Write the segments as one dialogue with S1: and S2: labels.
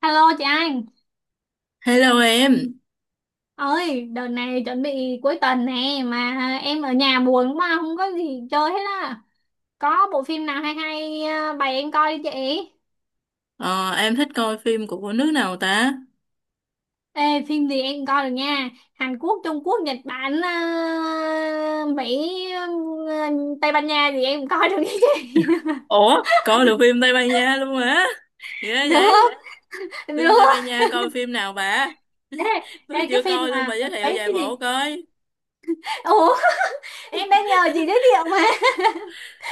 S1: Alo chị Anh
S2: Hello em.
S1: ơi, đợt này chuẩn bị cuối tuần nè mà em ở nhà buồn quá, không có gì chơi hết á. Có bộ phim nào hay hay, bày em coi đi chị.
S2: Ờ, em thích coi phim của nước nào ta?
S1: Ê, phim gì em coi được nha, Hàn Quốc, Trung Quốc, Nhật Bản, Mỹ, Tây Ban Nha gì em coi được nha chị.
S2: Ủa, coi được phim Tây Ban Nha luôn hả? Ghê
S1: Được,
S2: vậy, phim Tây
S1: được.
S2: Ban Nha coi phim nào bà?
S1: Ê,
S2: Tôi
S1: ê, cái
S2: chưa
S1: phim
S2: coi luôn,
S1: mà
S2: bà giới thiệu
S1: mấy
S2: vài
S1: cái
S2: bộ
S1: gì,
S2: coi.
S1: ủa em đang nhờ chị giới thiệu mà.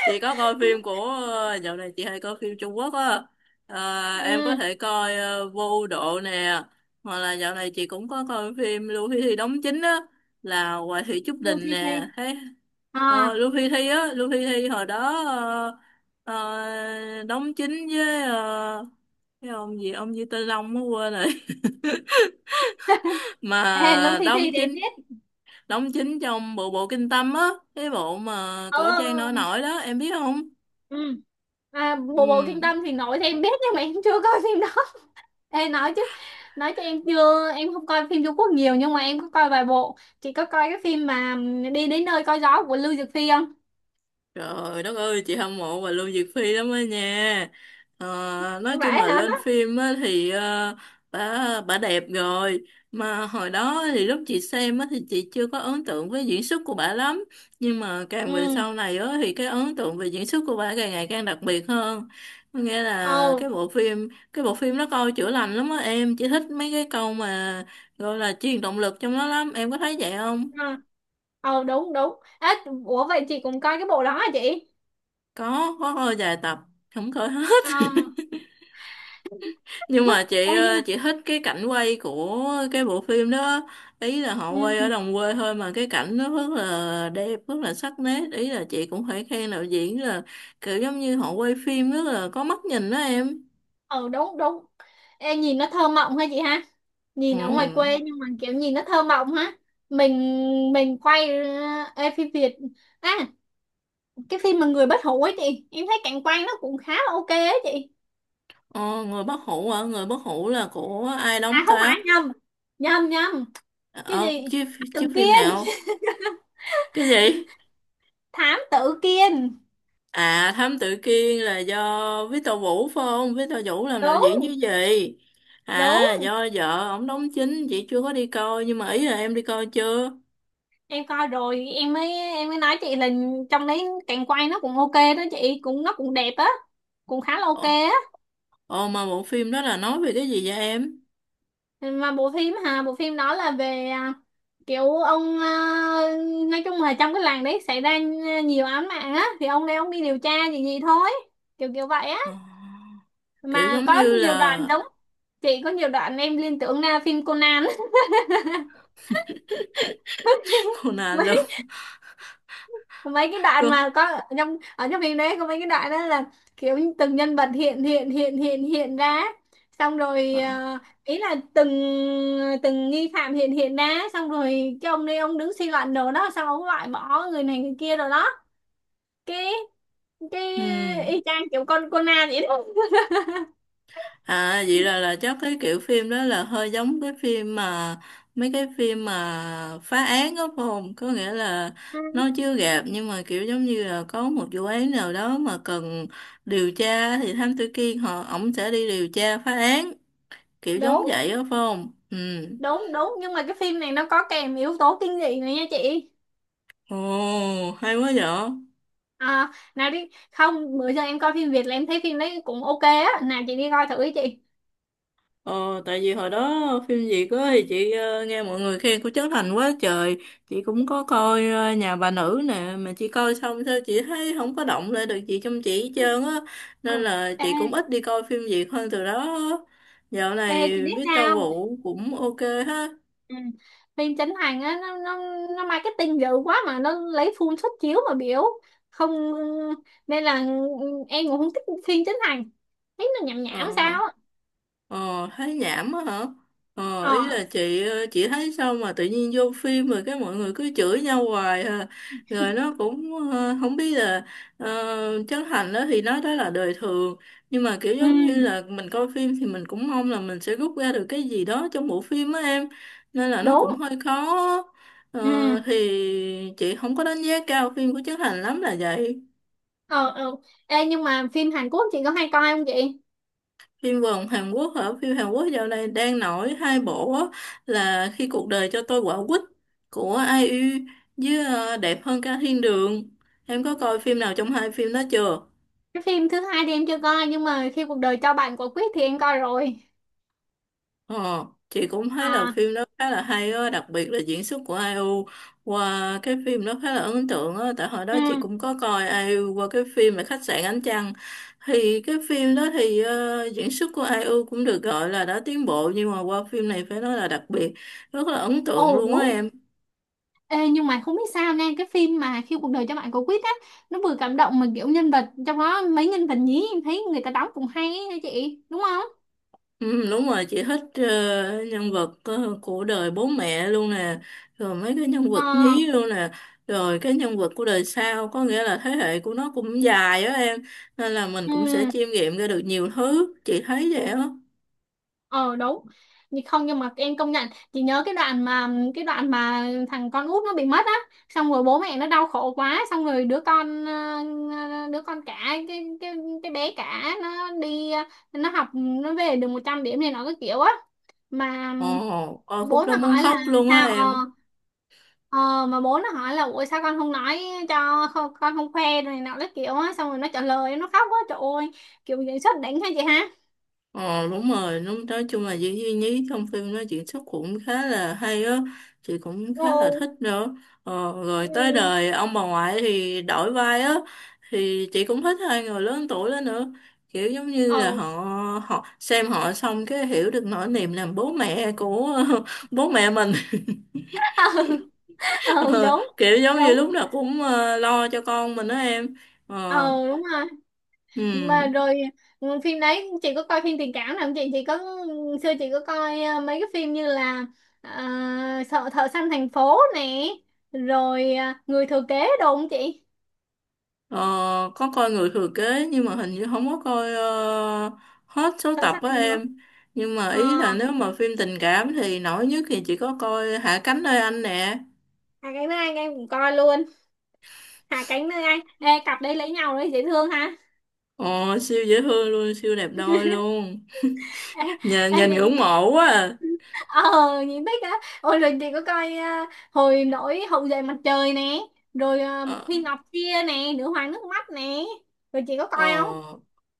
S2: Chị có coi phim của, dạo này chị hay coi phim Trung Quốc á. Ờ, em có
S1: Ừ.
S2: thể coi Vô Độ nè, hoặc là dạo này chị cũng có coi phim Lưu Huy Thi đóng chính á, là Hoài Thị Trúc
S1: Lưu
S2: Đình
S1: Thi
S2: nè.
S1: Thi.
S2: Thế ờ,
S1: À,
S2: Luffy Thi á, Luffy Thi hồi đó ờ, đóng chính với cái ông gì Tây Long mới quên rồi
S1: ê, Lưu
S2: mà
S1: Thi Thi
S2: đóng
S1: để em
S2: chính,
S1: biết.
S2: đóng chính trong bộ bộ Kinh Tâm á, cái bộ mà
S1: Ừ,
S2: cổ trang nổi
S1: ừ,
S2: nổi đó, em biết không?
S1: ừ. À, bộ bộ kinh
S2: Ừ.
S1: tâm thì nói thì em biết nhưng mà em chưa coi phim đó. Ê, nói chứ, nói cho em, chưa, em không coi phim Trung Quốc nhiều nhưng mà em có coi vài bộ. Chị có coi cái phim mà đi đến nơi coi gió của Lưu Dược Phi không?
S2: Trời đất ơi, chị hâm mộ bà Lưu Diệc Phi lắm á nha. Ờ, nói chung
S1: Vậy
S2: là
S1: hả.
S2: lên phim á thì ờ, bà đẹp rồi. Mà hồi đó thì lúc chị xem á thì chị chưa có ấn tượng với diễn xuất của bà lắm. Nhưng mà càng
S1: Ừ.
S2: về sau này á thì cái ấn tượng về diễn xuất của bà càng ngày càng đặc biệt hơn. Có nghĩa
S1: Ồ.
S2: là cái bộ phim nó coi chữa lành lắm á em. Chị thích mấy cái câu mà gọi là truyền động lực trong nó lắm. Em có thấy vậy không?
S1: À. Ồ, đúng đúng à, ủa vậy chị cũng coi cái bộ đó hả chị?
S2: Có coi vài tập, không coi hết.
S1: Ờ.
S2: Nhưng mà
S1: Ê, nhưng mà
S2: chị thích cái cảnh quay của cái bộ phim đó, ý là họ quay ở
S1: ừ,
S2: đồng quê thôi mà cái cảnh nó rất là đẹp, rất là sắc nét, ý là chị cũng phải khen đạo diễn là kiểu giống như họ quay phim rất là có mắt nhìn đó em.
S1: ừ, đúng đúng, em nhìn nó thơ mộng ha chị ha,
S2: Ừ.
S1: nhìn ở ngoài quê nhưng mà kiểu nhìn nó thơ mộng ha. Mình mình quay, ê, phim Việt, à, cái phim mà người bất hủ ấy chị, em thấy cảnh quan nó cũng khá là ok ấy chị.
S2: ờ, Người bất hủ hả? Người bất hủ là của ai
S1: À
S2: đóng
S1: không
S2: ta?
S1: phải, nhầm nhầm nhầm. Cái
S2: Ờ,
S1: gì,
S2: Chiếu, chiếu
S1: tự
S2: phim
S1: kiên,
S2: nào, cái gì?
S1: thám tử kiên.
S2: À, Thám Tử Kiên là do Victor Vũ phải không? Victor Vũ làm đạo
S1: Đúng,
S2: diễn như vậy.
S1: đúng.
S2: À do vợ ổng đóng chính, chị chưa có đi coi, nhưng mà ý là em đi coi chưa?
S1: Em coi rồi, em mới nói chị là trong đấy cảnh quay nó cũng ok đó chị, cũng nó cũng đẹp á, cũng khá là ok
S2: Ồ,
S1: á.
S2: ồ mà bộ phim đó là nói về cái gì vậy em?
S1: Mà bộ phim hà, bộ phim đó là về, à, kiểu ông, à, nói chung là trong cái làng đấy xảy ra, à, nhiều án mạng á thì ông đây ông đi điều tra gì gì thôi, kiểu kiểu vậy á.
S2: Ờ, kiểu
S1: Mà
S2: giống
S1: có
S2: như
S1: nhiều đoạn
S2: là
S1: giống, chị, có nhiều đoạn em liên tưởng là phim Conan.
S2: Conan luôn.
S1: mấy mấy cái đoạn
S2: Cô.
S1: mà có ở trong phim đấy, có mấy cái đoạn đó là kiểu như từng nhân vật hiện hiện hiện hiện hiện ra, xong rồi ý là từng, từng nghi phạm hiện hiện ra, xong rồi cái ông đây ông đứng suy luận đồ đó, xong ông loại bỏ người này người kia rồi đó. Cái cái
S2: Ừ.
S1: y chang kiểu con Conan vậy đó.
S2: À vậy là chắc cái kiểu phim đó là hơi giống cái phim mà mấy cái phim mà phá án đó phải không? Có nghĩa là
S1: Ừ.
S2: nó chưa gặp nhưng mà kiểu giống như là có một vụ án nào đó mà cần điều tra thì Thám Tử Kiên, họ ổng sẽ đi điều tra phá án, kiểu giống
S1: Đúng
S2: vậy đó phải không? Ừ.
S1: đúng đúng, nhưng mà cái phim này nó có kèm yếu tố kinh dị này nha chị.
S2: Ồ, hay quá vậy.
S1: À, nào đi không, bữa giờ em coi phim Việt là em thấy phim đấy cũng ok á, nào chị đi coi thử ý chị.
S2: Ờ, tại vì hồi đó phim Việt á thì nghe mọi người khen của Trấn Thành quá trời, chị cũng có coi Nhà bà nữ nè, mà chị coi xong sao chị thấy không có động lại được chị, trong chị hết trơn á,
S1: Ừ.
S2: nên là
S1: Ê,
S2: chị cũng ít đi coi phim Việt hơn từ đó. Dạo
S1: ê
S2: này
S1: chị biết
S2: Victor
S1: sao không?
S2: Vũ cũng ok ha.
S1: Ừ. Phim Trấn Thành á, nó marketing dữ quá mà nó lấy full suất chiếu mà biểu không, nên là em cũng không thích phim Trấn Thành, thấy nó nhảm nhảm
S2: ờ.
S1: sao á.
S2: Ờ, thấy nhảm á hả? Ờ, ý
S1: Ờ,
S2: là chị thấy sao mà tự nhiên vô phim rồi cái mọi người cứ chửi nhau hoài à. Rồi nó cũng ờ, không biết là ờ, Trấn Thành đó thì nói đó là đời thường, nhưng mà kiểu
S1: ừ,
S2: giống như là mình coi phim thì mình cũng mong là mình sẽ rút ra được cái gì đó trong bộ phim á em, nên là nó
S1: đúng,
S2: cũng hơi khó.
S1: ừ,
S2: Ờ, thì chị không có đánh giá cao phim của Trấn Thành lắm là vậy.
S1: ờ, ừ. Ê, nhưng mà phim Hàn Quốc chị có hay coi không chị?
S2: Phim vòng Hàn Quốc hả? Phim Hàn Quốc dạo này đang nổi hai bộ á, là Khi cuộc đời cho tôi quả quýt của ai IU, với ờ, Đẹp hơn cả thiên đường. Em có coi phim nào trong hai phim đó chưa?
S1: Cái phim thứ hai thì em chưa coi nhưng mà khi cuộc đời cho bạn quả quýt thì em coi rồi.
S2: Ờ, chị cũng thấy là
S1: À.
S2: phim đó khá là hay á, đặc biệt là diễn xuất của ai IU qua cái phim đó khá là ấn tượng á, tại hồi đó chị
S1: Ừ.
S2: cũng có coi ai IU qua cái phim là Khách sạn Ánh Trăng. Thì cái phim đó thì ờ, diễn xuất của ai IU cũng được gọi là đã tiến bộ, nhưng mà qua phim này phải nói là đặc biệt, rất là ấn tượng
S1: Ồ,
S2: luôn á
S1: đúng.
S2: em.
S1: Ê, nhưng mà không biết sao nha, cái phim mà khi cuộc đời cho bạn quả quýt á, nó vừa cảm động mà kiểu nhân vật trong đó, mấy nhân vật nhí em thấy người ta đóng cũng hay ấy hả chị, đúng không?
S2: Ừ, đúng rồi, chị thích ờ, nhân vật ờ, của đời bố mẹ luôn nè, rồi mấy cái nhân
S1: Ờ.
S2: vật nhí luôn nè, rồi cái nhân vật của đời sau, có nghĩa là thế hệ của nó cũng dài á em, nên là mình
S1: Ừ.
S2: cũng sẽ chiêm nghiệm ra được nhiều thứ, chị thấy vậy á.
S1: Ờ, đúng. Nhưng không, nhưng mà em công nhận, chị nhớ cái đoạn mà, cái đoạn mà thằng con út nó bị mất á, xong rồi bố mẹ nó đau khổ quá, xong rồi đứa con, đứa con cả, cái cái bé cả nó đi, nó học nó về được 100 điểm này, nó cái kiểu á, mà
S2: Ồ coi khúc
S1: bố
S2: đó
S1: nó
S2: muốn
S1: hỏi là
S2: khóc luôn á
S1: sao, ờ.
S2: em.
S1: Ờ, mà bố nó hỏi là ủa sao con không nói cho, không, con không khoe rồi này nọ cái kiểu á, xong rồi nó trả lời nó khóc quá trời ơi, kiểu diễn xuất đỉnh ha chị ha.
S2: Ờ đúng rồi, đúng, nói chung là diễn viên nhí trong phim nó diễn xuất cũng khá là hay á, chị cũng khá là
S1: Ồ.
S2: thích nữa. Ờ, rồi tới
S1: Ừ.
S2: đời ông bà ngoại thì đổi vai á, thì chị cũng thích hai người lớn tuổi đó nữa. Kiểu giống như
S1: Ờ.
S2: là họ họ xem họ xong cái hiểu được nỗi niềm làm bố mẹ của bố mẹ mình.
S1: Ừ,
S2: Ờ,
S1: đúng
S2: kiểu giống như
S1: đúng,
S2: lúc nào cũng ờ, lo cho con mình đó em. Ờ,
S1: ờ, đúng rồi,
S2: ừ.
S1: mà rồi ừ, phim đấy, chị có coi phim tình cảm nào không chị? Chị có, xưa chị có coi, mấy cái phim như là, ờ, sợ thợ săn thành phố nè, rồi người thừa kế đồ không chị?
S2: Ờ, có coi người thừa kế nhưng mà hình như không có coi hết số
S1: Thợ
S2: tập
S1: săn
S2: á
S1: thành phố.
S2: em, nhưng mà
S1: Ờ,
S2: ý là nếu mà phim tình cảm thì nổi nhất thì chỉ có coi Hạ cánh nơi anh nè.
S1: hai cánh nơi anh em cũng coi luôn. Hai cánh nơi anh, ê cặp đây lấy nhau đấy dễ thương ha.
S2: Ồ siêu dễ thương luôn, siêu đẹp đôi luôn, nhìn
S1: Ê, ê,
S2: nhìn ngưỡng
S1: chị,
S2: mộ quá à.
S1: ờ nhìn thích á. Ôi, rồi chị có coi à, hồi nổi hậu duệ mặt trời nè, rồi à,
S2: Ờ.
S1: Khuy Ngọc Kia nè, nữ hoàng nước mắt nè, rồi chị có coi không?
S2: Ờ.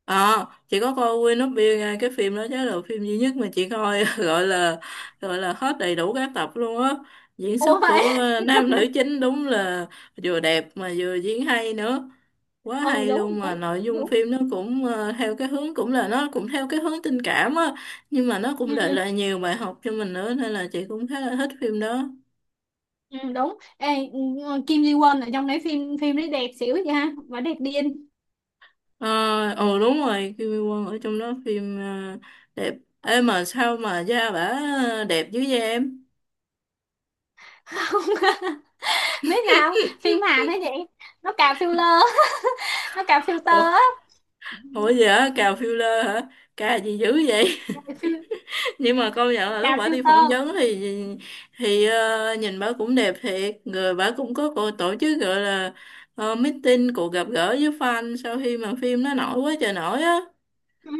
S2: À, chị có coi Queen of Bill nha, cái phim đó chắc là phim duy nhất mà chị coi gọi là hết đầy đủ các tập luôn á. Diễn xuất
S1: Ủa vậy.
S2: của à, nam nữ chính đúng là vừa đẹp mà vừa diễn hay nữa. Quá
S1: Ừ,
S2: hay
S1: đúng
S2: luôn, mà
S1: đúng
S2: nội dung
S1: đúng,
S2: phim nó cũng ờ, theo cái hướng cũng là nó cũng theo cái hướng tình cảm á, nhưng mà nó cũng để
S1: ừ,
S2: lại nhiều bài học cho mình nữa nên là chị cũng khá là thích phim đó.
S1: ừ, đúng. Ê, ừ, Kim Ji Won ở trong đấy, phim phim đấy đẹp xỉu vậy ha, mà đẹp điên.
S2: Ờ ừ, đúng rồi, Kim Mi Quân ở trong đó phim ờ, đẹp. Ê mà sao mà da bả đẹp dữ vậy em?
S1: Không, biết nào phim Hàn đấy vậy nó cà filler, nó cà
S2: Ủa,
S1: filter á. Ừ,
S2: ủa gì hả, cào filler hả, cà gì dữ vậy?
S1: cà fil-,
S2: Nhưng mà công nhận là lúc
S1: cà
S2: bả đi phỏng
S1: filter.
S2: vấn thì nhìn bả cũng đẹp thiệt, người bả cũng có cô tổ chức gọi là ờ, meeting, cuộc gặp gỡ với fan sau khi mà phim nó nổi quá trời nổi á.
S1: Ừ.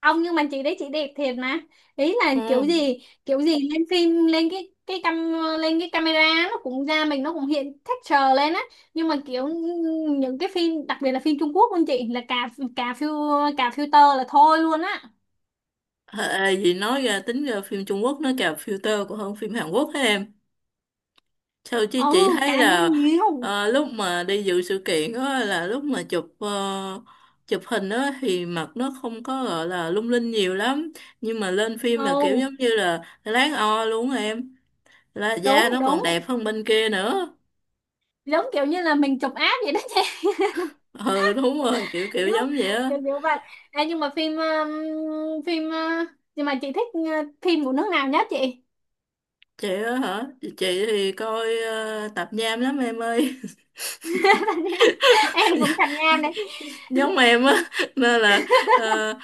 S1: Ông, nhưng mà chị đấy chị đẹp thiệt mà, ý là kiểu
S2: Ừ.
S1: gì, kiểu gì lên phim, lên cái cam, lên cái camera nó cũng ra, mình nó cũng hiện texture lên á. Nhưng mà kiểu những cái phim, đặc biệt là phim Trung Quốc luôn chị, là cà, cà phiêu, cà filter là thôi luôn á.
S2: Ê, gì nói ra tính ra phim Trung Quốc nó cào filter còn hơn phim Hàn Quốc hả em? Theo chứ chị
S1: Ừ,
S2: thấy
S1: cài hơn
S2: là
S1: nhiều,
S2: ờ, lúc mà đi dự sự kiện đó là lúc mà chụp ờ, chụp hình đó thì mặt nó không có gọi là lung linh nhiều lắm, nhưng mà lên phim là kiểu
S1: ừ,
S2: giống như là láng o luôn á em, là da
S1: đúng
S2: nó còn
S1: đúng,
S2: đẹp hơn bên kia nữa.
S1: giống kiểu như là mình chụp app vậy đó chị.
S2: Ừ đúng rồi, kiểu kiểu
S1: Kiểu,
S2: giống vậy á.
S1: kiểu vậy. Ê, nhưng mà phim phim nhưng mà chị thích phim của nước nào nhất chị?
S2: Chị á hả, chị thì coi ờ, tạp nham lắm em ơi,
S1: Em cũng thành Nam này.
S2: giống em á, nên là ờ,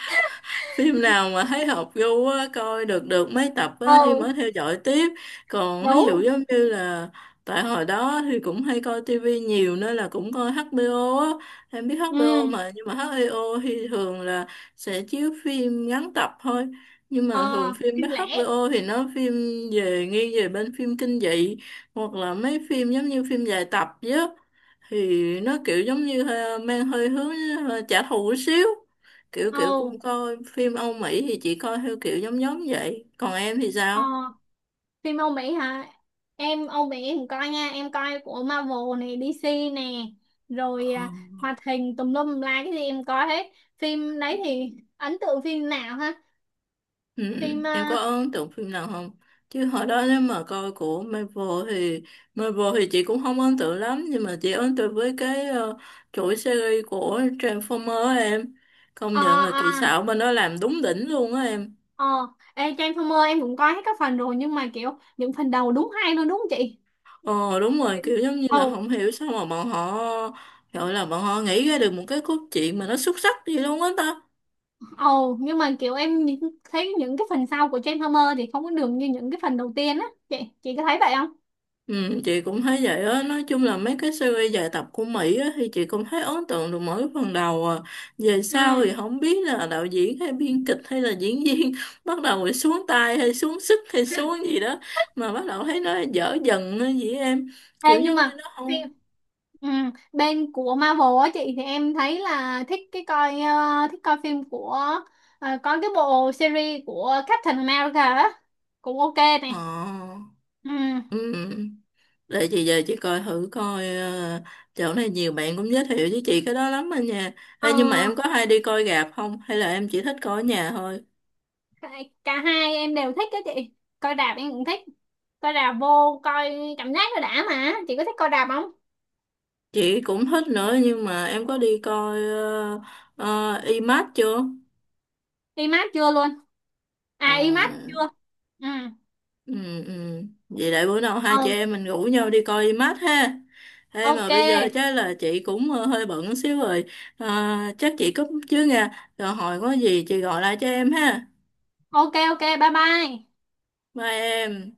S2: phim nào mà thấy hợp gu á, coi được được mấy tập á, thì
S1: Ừ,
S2: mới theo dõi tiếp, còn ví
S1: đúng.
S2: dụ giống như là tại hồi đó thì cũng hay coi tivi nhiều nên là cũng coi HBO á, em biết
S1: Ừ.
S2: HBO mà, nhưng mà HBO thì thường là sẽ chiếu phim ngắn tập thôi, nhưng mà thường
S1: Ờ,
S2: phim
S1: kinh lẻ.
S2: HBO thì nó phim về, nghiêng về bên phim kinh dị, hoặc là mấy phim giống như phim dài tập chứ, thì nó kiểu giống như ờ, mang hơi hướng ờ, trả thù một xíu, kiểu kiểu
S1: Ừ.
S2: cũng coi phim Âu Mỹ thì chị coi theo kiểu giống giống vậy, còn em thì
S1: Ờ.
S2: sao?
S1: Phim Âu Mỹ hả, em Âu Mỹ em coi nha, em coi của Marvel này, DC nè, rồi
S2: Ờ,
S1: à, hoạt hình tùm lum tùm la cái gì em coi hết. Phim đấy thì ấn tượng phim nào ha,
S2: ừ,
S1: phim
S2: em có
S1: à,
S2: ấn tượng phim nào không, chứ hồi đó nếu mà coi của Marvel thì chị cũng không ấn tượng lắm, nhưng mà chị ấn tượng với cái ờ, chuỗi series của Transformer á em, công
S1: ờ,
S2: nhận là
S1: ờ,
S2: kỹ xảo bên đó làm đúng đỉnh luôn á em.
S1: ờ. Ê, Transformer em cũng coi hết các phần rồi, nhưng mà kiểu những phần đầu đúng hay luôn đúng không chị?
S2: Ờ đúng rồi, kiểu giống như là
S1: Ừ.
S2: không hiểu sao mà bọn họ gọi là bọn họ nghĩ ra được một cái cốt truyện mà nó xuất sắc gì luôn á ta.
S1: Ồ, nhưng mà kiểu em nhìn- thấy những cái phần sau của Transformer thì không có đường như những cái phần đầu tiên á. Chị có thấy vậy không?
S2: Ừ, chị cũng thấy vậy á, nói chung là mấy cái series dài tập của Mỹ á, thì chị cũng thấy ấn tượng được mỗi phần đầu à, về
S1: Ừ.
S2: sau thì không biết là đạo diễn hay biên kịch hay là diễn viên bắt đầu rồi xuống tay hay xuống sức hay xuống gì đó mà bắt đầu thấy nó dở dần á vậy em, kiểu
S1: Ê, nhưng
S2: giống như
S1: mà
S2: nó không.
S1: phim ừ, bên của Marvel á chị, thì em thấy là thích cái coi, thích coi phim của, có cái bộ series của Captain America á cũng ok này.
S2: Ờ
S1: Ừ.
S2: ừ. Để chị về chị coi thử coi ờ, chỗ này nhiều bạn cũng giới thiệu với chị cái đó lắm anh nha.
S1: Ờ,
S2: Ê, nhưng mà em có hay đi coi rạp không, hay là em chỉ thích coi ở nhà thôi?
S1: cả hai em đều thích á chị. Coi rạp em cũng thích. Coi rạp vô coi cảm giác nó đã mà. Chị có thích coi rạp không?
S2: Chị cũng thích nữa, nhưng mà em có đi coi uh, IMAX chưa?
S1: IMAX chưa luôn? À
S2: Ờ,
S1: IMAX chưa. Ừ,
S2: ừ, ừ. Vậy để bữa nào hai
S1: ừ.
S2: chị em mình rủ nhau đi coi IMAX ha. Thế mà
S1: Ok,
S2: bây giờ chắc là chị cũng ờ, hơi bận xíu rồi. Ờ, chắc chị cúp chứ nha. Rồi hồi có gì chị gọi lại cho em ha.
S1: ok, ok, bye bye.
S2: Bye em.